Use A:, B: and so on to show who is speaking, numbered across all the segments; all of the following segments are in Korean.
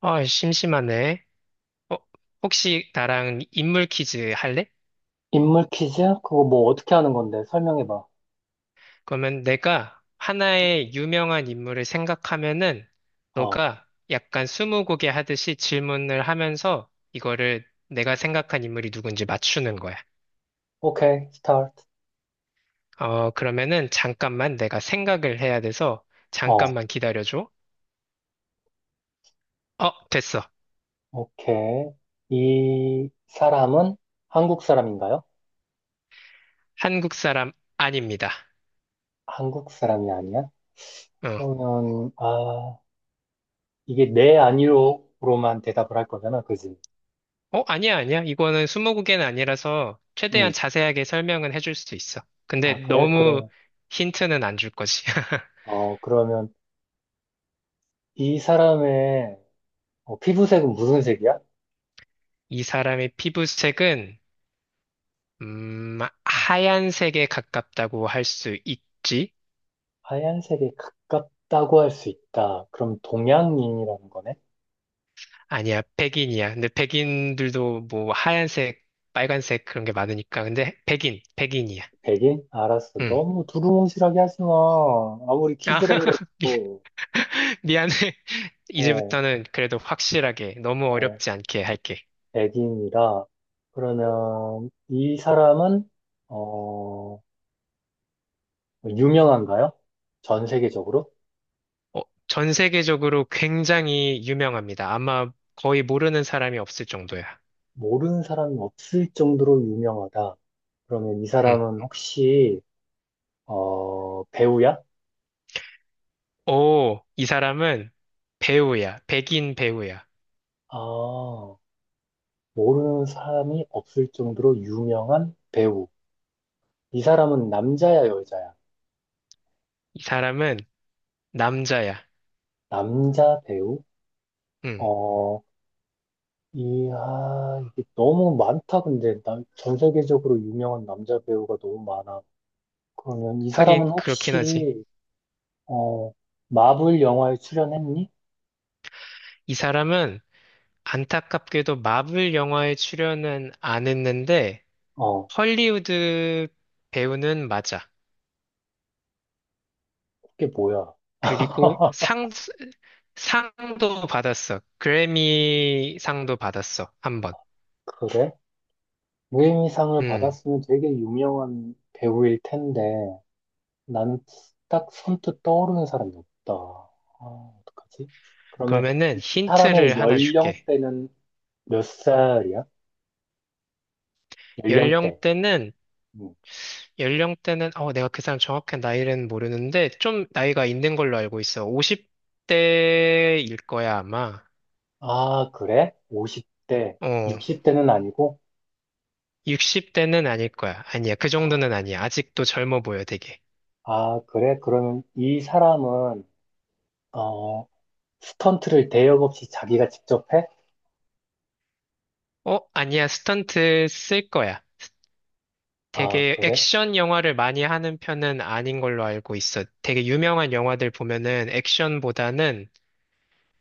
A: 어, 심심하네. 어, 혹시 나랑 인물 퀴즈 할래?
B: 인물 퀴즈? 그거 뭐 어떻게 하는 건데? 설명해봐.
A: 그러면 내가 하나의 유명한 인물을 생각하면은
B: 어,
A: 너가 약간 스무고개 하듯이 질문을 하면서 이거를 내가 생각한 인물이 누군지 맞추는 거야.
B: 오케이, 스타트.
A: 어, 그러면은 잠깐만 내가 생각을 해야 돼서
B: 어,
A: 잠깐만 기다려줘. 어, 됐어.
B: 오케이. 이 사람은 한국 사람인가요?
A: 한국 사람 아닙니다.
B: 한국 사람이 아니야?
A: 어.
B: 그러면, 아, 이게 네, 아니요로만 대답을 할 거잖아, 그지?
A: 어, 아니야, 아니야. 이거는 스무고개는 아니라서
B: 응.
A: 최대한 자세하게 설명은 해줄 수 있어. 근데
B: 아, 그래?
A: 너무
B: 그럼,
A: 힌트는 안 줄 거지.
B: 그러면 이 사람의 피부색은 무슨 색이야?
A: 이 사람의 피부색은, 음, 하얀색에 가깝다고 할 수 있지?
B: 하얀색에 가깝다고 할 수 있다. 그럼 동양인이라는 거네?
A: 아니야, 백인이야. 근데 백인들도 뭐 하얀색, 빨간색 그런 게 많으니까. 근데 백인, 백인이야.
B: 베개? 알았어.
A: 응.
B: 너무 두루뭉실하게 하지 마. 아무리
A: 아,
B: 키즈라
A: 미-
B: 그래도,
A: 미안해.
B: 어,
A: 이제부터는 그래도 확실하게, 너무
B: 어,
A: 어렵지 않게 할게.
B: 애기입니다. 그러면 이 사람은, 어, 유명한가요? 전 세계적으로?
A: 어, 전 세계적으로 굉장히 유명합니다. 아마 거의 모르는 사람이 없을 정도야.
B: 모르는 사람이 없을 정도로 유명하다. 그러면 이
A: 응.
B: 사람은 혹시, 배우야?
A: 오, 이 사람은 배우야. 백인 배우야.
B: 아, 모르는 사람이 없을 정도로 유명한 배우. 이 사람은 남자야, 여자야?
A: 이 사람은 남자야.
B: 남자 배우?
A: 응.
B: 어, 이야, 이게 너무 많다, 근데. 전 세계적으로 유명한 남자 배우가 너무 많아. 그러면 이
A: 하긴
B: 사람은
A: 그렇긴 하지.
B: 혹시, 어, 마블 영화에 출연했니?
A: 이 사람은 안타깝게도 마블 영화에 출연은 안 했는데
B: 어,
A: 헐리우드 배우는 맞아.
B: 그게 뭐야?
A: 그리고 상 상도 받았어. 그래미 상도 받았어. 한 번.
B: 그래? 무에미상을
A: 음.
B: 받았으면 되게 유명한 배우일 텐데, 나는 딱 선뜻 떠오르는 사람이 없다. 아, 어떡하지? 그러면
A: 그러면은
B: 이 사람의
A: 힌트를 하나 줄게.
B: 연령대는 몇 살이야? 연령대.
A: 연령대는,
B: 응.
A: 연령대는, 어, 내가 그 사람 정확한 나이는 모르는데, 좀 나이가 있는 걸로 알고 있어. 50대일 거야, 아마.
B: 아, 그래? 50대,
A: 어,
B: 60대는 아니고?
A: 60대는 아닐 거야. 아니야, 그
B: 어.
A: 정도는 아니야. 아직도 젊어 보여, 되게.
B: 아, 그래? 그러면 이 사람은, 어, 스턴트를 대역 없이 자기가 직접 해?
A: 어, 아니야, 스턴트 쓸 거야.
B: 아,
A: 되게
B: 그래?
A: 액션 영화를 많이 하는 편은 아닌 걸로 알고 있어. 되게 유명한 영화들 보면은 액션보다는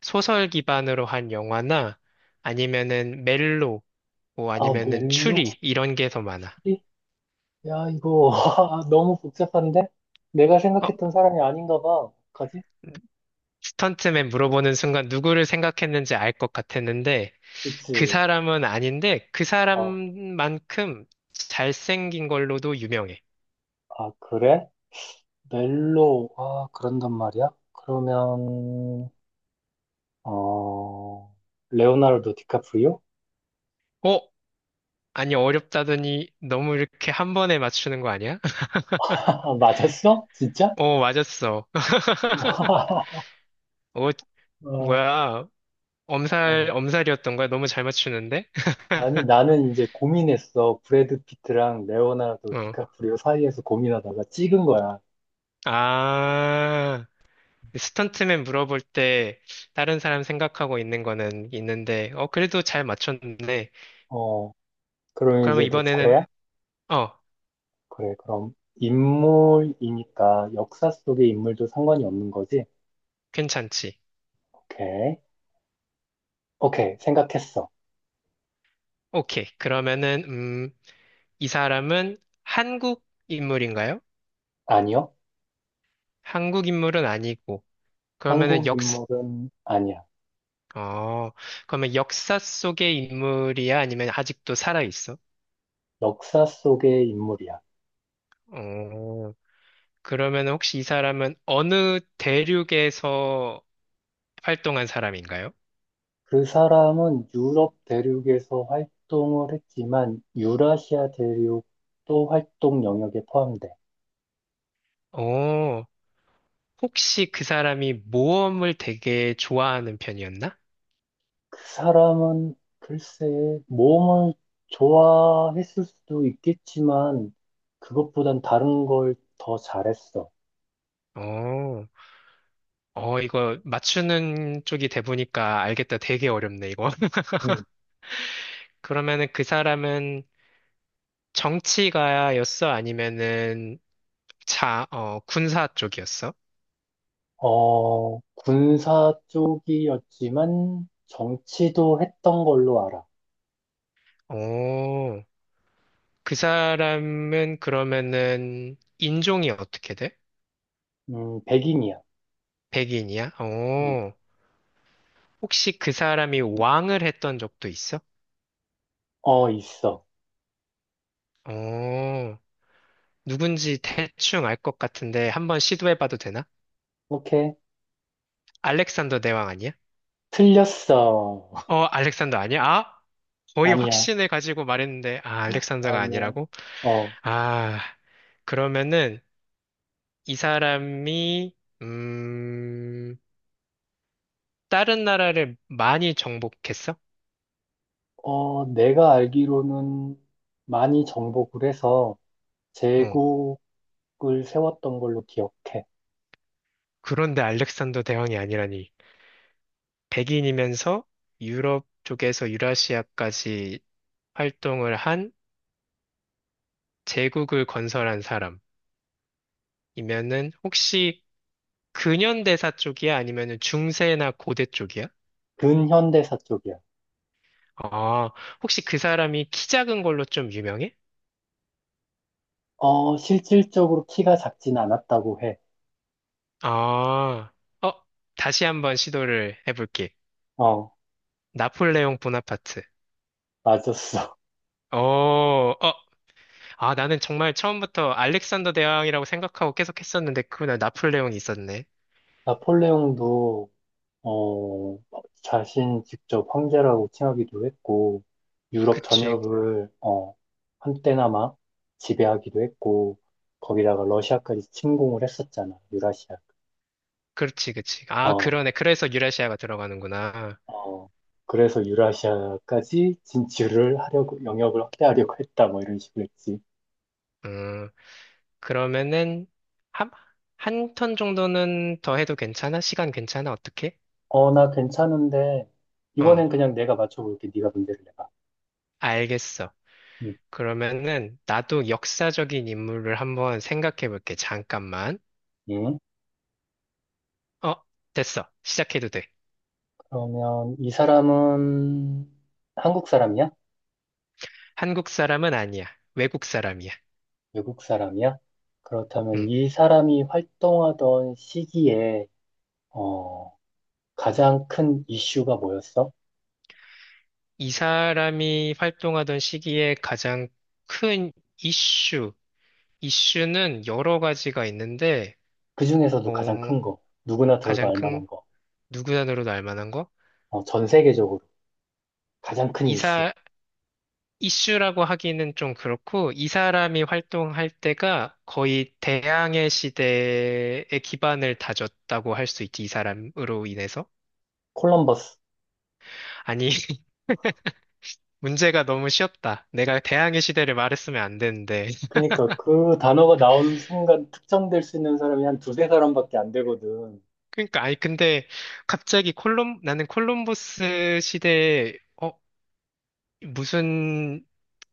A: 소설 기반으로 한 영화나 아니면은 멜로, 뭐
B: 아,
A: 아니면은
B: 멜로?
A: 추리 이런 게 더 많아.
B: 프리? 야, 이거, 아, 너무 복잡한데? 내가
A: 어,
B: 생각했던 사람이 아닌가 봐. 어떡하지?
A: 스턴트맨 물어보는 순간 누구를 생각했는지 알 것 같았는데 그
B: 그치.
A: 사람은 아닌데 그
B: 어,
A: 사람만큼 잘생긴 걸로도 유명해.
B: 아, 그래? 멜로, 아, 그런단 말이야? 그러면, 어, 레오나르도 디카프리오?
A: 어? 아니 어렵다더니 너무 이렇게 한 번에 맞추는 거 아니야?
B: 맞았어? 진짜?
A: 어, 맞았어. 어,
B: 어,
A: 뭐야. 엄살,
B: 어.
A: 엄살이었던 거야? 너무 잘 맞추는데?
B: 아니, 나는 이제 고민했어. 브래드 피트랑 레오나르도
A: 어.
B: 디카프리오 사이에서 고민하다가 찍은 거야.
A: 아. 그 스턴트맨 물어볼 때 다른 사람 생각하고 있는 거는 있는데, 어, 그래도 잘 맞췄네.
B: 어, 그럼
A: 그러면
B: 이제 내
A: 이번에는,
B: 차례야?
A: 어,
B: 그래, 그럼 인물이니까 역사 속의 인물도 상관이 없는 거지?
A: 괜찮지.
B: 오케이. 오케이, 생각했어.
A: 오케이. 그러면은, 음, 이 사람은 한국 인물인가요?
B: 아니요.
A: 한국 인물은 아니고. 그러면은
B: 한국
A: 역,
B: 인물은 아니야.
A: 어, 그러면 역사 속의 인물이야? 아니면 아직도 살아있어?
B: 역사 속의 인물이야.
A: 어, 그러면 혹시 이 사람은 어느 대륙에서 활동한 사람인가요?
B: 그 사람은 유럽 대륙에서 활동을 했지만 유라시아 대륙도 활동 영역에 포함돼.
A: 오. 혹시 그 사람이 모험을 되게 좋아하는 편이었나?
B: 그 사람은 글쎄 모험을 좋아했을 수도 있겠지만 그것보단 다른 걸 더 잘했어.
A: 어, 어, 이거 맞추는 쪽이 돼보니까 알겠다. 되게 어렵네, 이거.
B: 음,
A: 그러면은 그 사람은 정치가였어? 아니면은 자, 어, 군사 쪽이었어?
B: 군사 쪽이었지만 정치도 했던 걸로 알아.
A: 오, 그 사람은 그러면은 인종이 어떻게 돼?
B: 백인이야.
A: 백인이야?
B: 음,
A: 오, 혹시 그 사람이 왕을 했던 적도 있어?
B: 있어.
A: 오, 누군지 대충 알 것 같은데 한번 시도해봐도 되나?
B: 오케이.
A: 알렉산더 대왕 아니야?
B: 틀렸어.
A: 어, 알렉산더 아니야? 아, 거의
B: 아니야.
A: 확신을 가지고 말했는데, 아, 알렉산더가
B: 아니야.
A: 아니라고?
B: 어,
A: 아, 그러면은 이 사람이, 음, 다른 나라를 많이 정복했어?
B: 내가 알기로는 많이 정복을 해서
A: 어,
B: 제국을 세웠던 걸로 기억해.
A: 그런데 알렉산더 대왕이 아니라니. 백인이면서 유럽 쪽에서 유라시아까지 활동을 한 제국을 건설한 사람. 이면은 혹시 근현대사 쪽이야? 아니면은 중세나 고대 쪽이야?
B: 근현대사 쪽이야.
A: 아, 혹시 그 사람이 키 작은 걸로 좀 유명해?
B: 실질적으로 키가 작진 않았다고 해.
A: 아, 어, 다시 한번 시도를 해볼게.
B: 어,
A: 나폴레옹 보나파트.
B: 맞았어.
A: 어, 어, 아, 나는 정말 처음부터 알렉산더 대왕이라고 생각하고 계속 했었는데, 그날 나폴레옹이 있었네.
B: 나폴레옹도, 어, 자신 직접 황제라고 칭하기도 했고, 유럽
A: 그치,
B: 전역을, 한때나마 지배하기도 했고, 거기다가 러시아까지 침공을 했었잖아, 유라시아.
A: 그렇지, 그치. 아,
B: 어,
A: 그러네. 그래서 유라시아가 들어가는구나.
B: 어. 그래서 유라시아까지 진출을 하려고, 영역을 확대하려고 했다, 뭐 이런 식으로 했지.
A: 음, 그러면은 한, 한 턴 정도는 더 해도 괜찮아? 시간 괜찮아? 어떻게?
B: 나 괜찮은데,
A: 어,
B: 이번엔 그냥 내가 맞춰볼게. 네가 문제를 내봐.
A: 알겠어.
B: 음,
A: 그러면은 나도 역사적인 인물을 한번 생각해 볼게. 잠깐만.
B: 응?
A: 어, 됐어. 시작해도 돼.
B: 그러면 이 사람은 한국 사람이야?
A: 한국 사람은 아니야. 외국 사람이야.
B: 외국 사람이야? 그렇다면
A: 음.
B: 이 사람이 활동하던 시기에, 어, 가장 큰 이슈가 뭐였어?
A: 이 사람이 활동하던 시기에 가장 큰 이슈, 이슈는 여러 가지가 있는데,
B: 그
A: 어,
B: 중에서도 가장 큰 거. 누구나 들어도
A: 가장
B: 알
A: 큰
B: 만한 거.
A: 누구 단어로도 알 만한 거?
B: 전 세계적으로 가장 큰 이슈.
A: 이사, 이슈라고 하기는 좀 그렇고, 이 사람이 활동할 때가 거의 대항해 시대의 기반을 다졌다고 할 수 있지, 이 사람으로 인해서.
B: 콜럼버스.
A: 아니, 문제가 너무 쉬웠다. 내가 대항해 시대를 말했으면 안 되는데.
B: 그러니까 그 단어가 나오는 순간 특정될 수 있는 사람이 한 두세 사람밖에 안 되거든.
A: 그러니까, 아니, 근데 갑자기 나는 콜럼버스 시대에, 어, 무슨,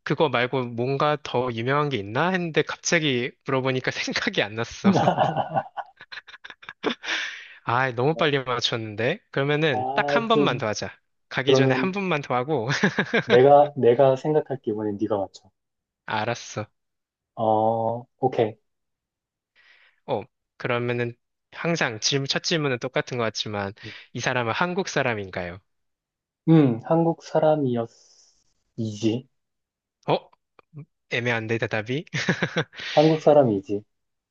A: 그거 말고 뭔가 더 유명한 게 있나? 했는데 갑자기 물어보니까 생각이 안 났어. 아, 너무 빨리 맞췄는데? 그러면은 딱
B: 아,
A: 한 번만
B: 좀,
A: 더 하자. 가기 전에 한
B: 그러면
A: 번만 더 하고.
B: 내가 생각할게. 이번엔 네가 맞춰.
A: 알았어.
B: 오케이.
A: 어, 그러면은 항상 질문, 첫 질문은 똑같은 것 같지만, 이 사람은 한국 사람인가요?
B: 한국 사람이었이지.
A: 어? 애매한데, 대답이?
B: 한국 사람이지.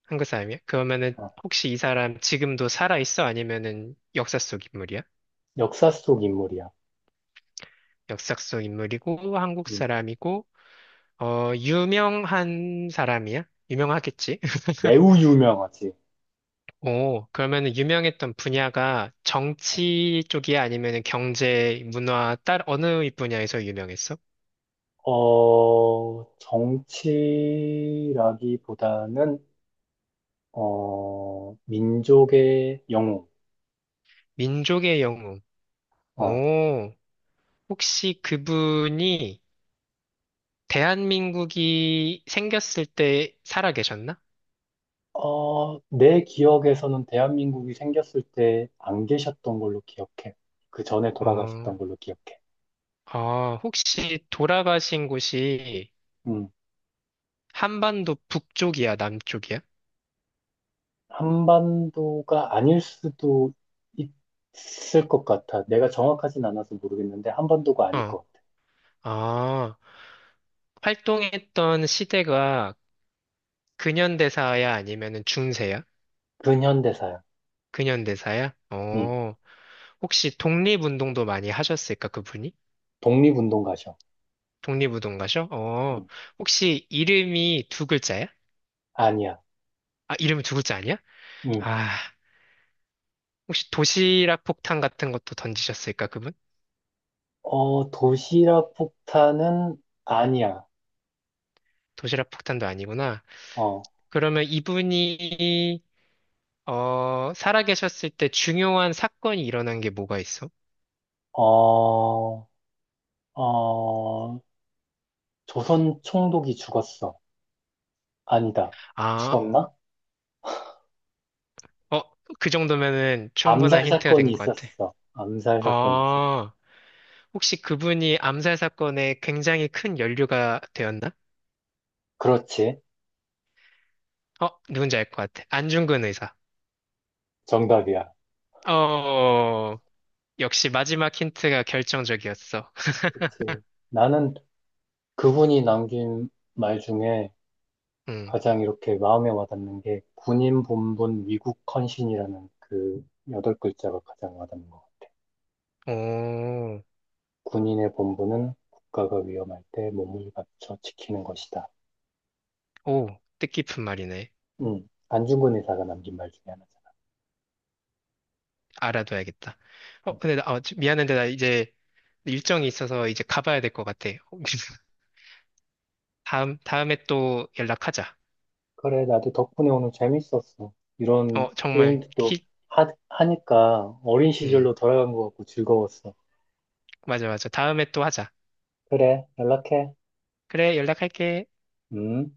A: 한국 사람이야? 그러면은
B: 어,
A: 혹시 이 사람 지금도 살아 있어? 아니면은 역사 속 인물이야?
B: 역사 속 인물이야.
A: 역사 속 인물이고, 한국
B: 음,
A: 사람이고, 어, 유명한 사람이야? 유명하겠지?
B: 매우 유명하지.
A: 오, 그러면은 유명했던 분야가 정치 쪽이야? 아니면은 경제, 문화, 딸 어느 분야에서 유명했어?
B: 정치라기보다는, 민족의 영웅.
A: 민족의 영웅.
B: 어,
A: 오, 혹시 그분이 대한민국이 생겼을 때 살아 계셨나?
B: 내 기억에서는 대한민국이 생겼을 때 안 계셨던 걸로 기억해. 그 전에
A: 어,
B: 돌아가셨던 걸로 기억해.
A: 아, 혹시 돌아가신 곳이
B: 음,
A: 한반도 북쪽이야, 남쪽이야?
B: 한반도가 아닐 수도 있을 것 같아. 내가 정확하진 않아서 모르겠는데, 한반도가 아닐
A: 어,
B: 것 같아.
A: 아, 활동했던 시대가 근현대사야? 아니면은 중세야?
B: 근현대사야.
A: 근현대사야?
B: 음,
A: 어. 혹시 독립운동도 많이 하셨을까, 그분이?
B: 독립운동가셔.
A: 독립운동가셔? 어,
B: 음,
A: 혹시 이름이 두 글자야?
B: 아니야.
A: 아, 이름이 두 글자 아니야?
B: 음,
A: 아, 혹시 도시락 폭탄 같은 것도 던지셨을까, 그분?
B: 도시락 폭탄은 아니야.
A: 도시락 폭탄도 아니구나.
B: 어,
A: 그러면 이분이, 어, 살아계셨을 때 중요한 사건이 일어난 게 뭐가 있어?
B: 어, 어, 조선 총독이 죽었어. 아니다.
A: 아,
B: 죽었나?
A: 어, 그 정도면은 충분한
B: 암살
A: 힌트가
B: 사건이
A: 된 것 같아.
B: 있었어. 암살 사건이 있었어.
A: 아, 혹시 그분이 암살 사건에 굉장히 큰 연루가 되었나?
B: 그렇지.
A: 어, 누군지 알 것 같아. 안중근 의사.
B: 정답이야.
A: 어, 역시 마지막 힌트가 결정적이었어.
B: 그렇지. 나는 그분이 남긴 말 중에
A: 음,
B: 가장 이렇게 마음에 와닿는 게 군인 본분 위국 헌신이라는 그 여덟 글자가 가장 와닿는 것 같아.
A: 오,
B: 군인의 본분은 국가가 위험할 때 몸을 바쳐 지키는 것이다.
A: 오, 뜻깊은 말이네.
B: 안중근 의사가 남긴 말 중에 하나잖아.
A: 알아둬야겠다. 어,
B: 음.
A: 근데 나, 어, 미안한데 나 이제 일정이 있어서 이제 가봐야 될 것 같아. 다음에 또 연락하자.
B: 그래, 나도 덕분에 오늘 재밌었어. 이런
A: 어, 정말,
B: 게임도
A: 키,
B: 하니까 어린
A: 음,
B: 시절로 돌아간 것 같고 즐거웠어.
A: 맞아, 맞아. 다음에 또 하자.
B: 그래, 연락해.
A: 그래, 연락할게.
B: 음.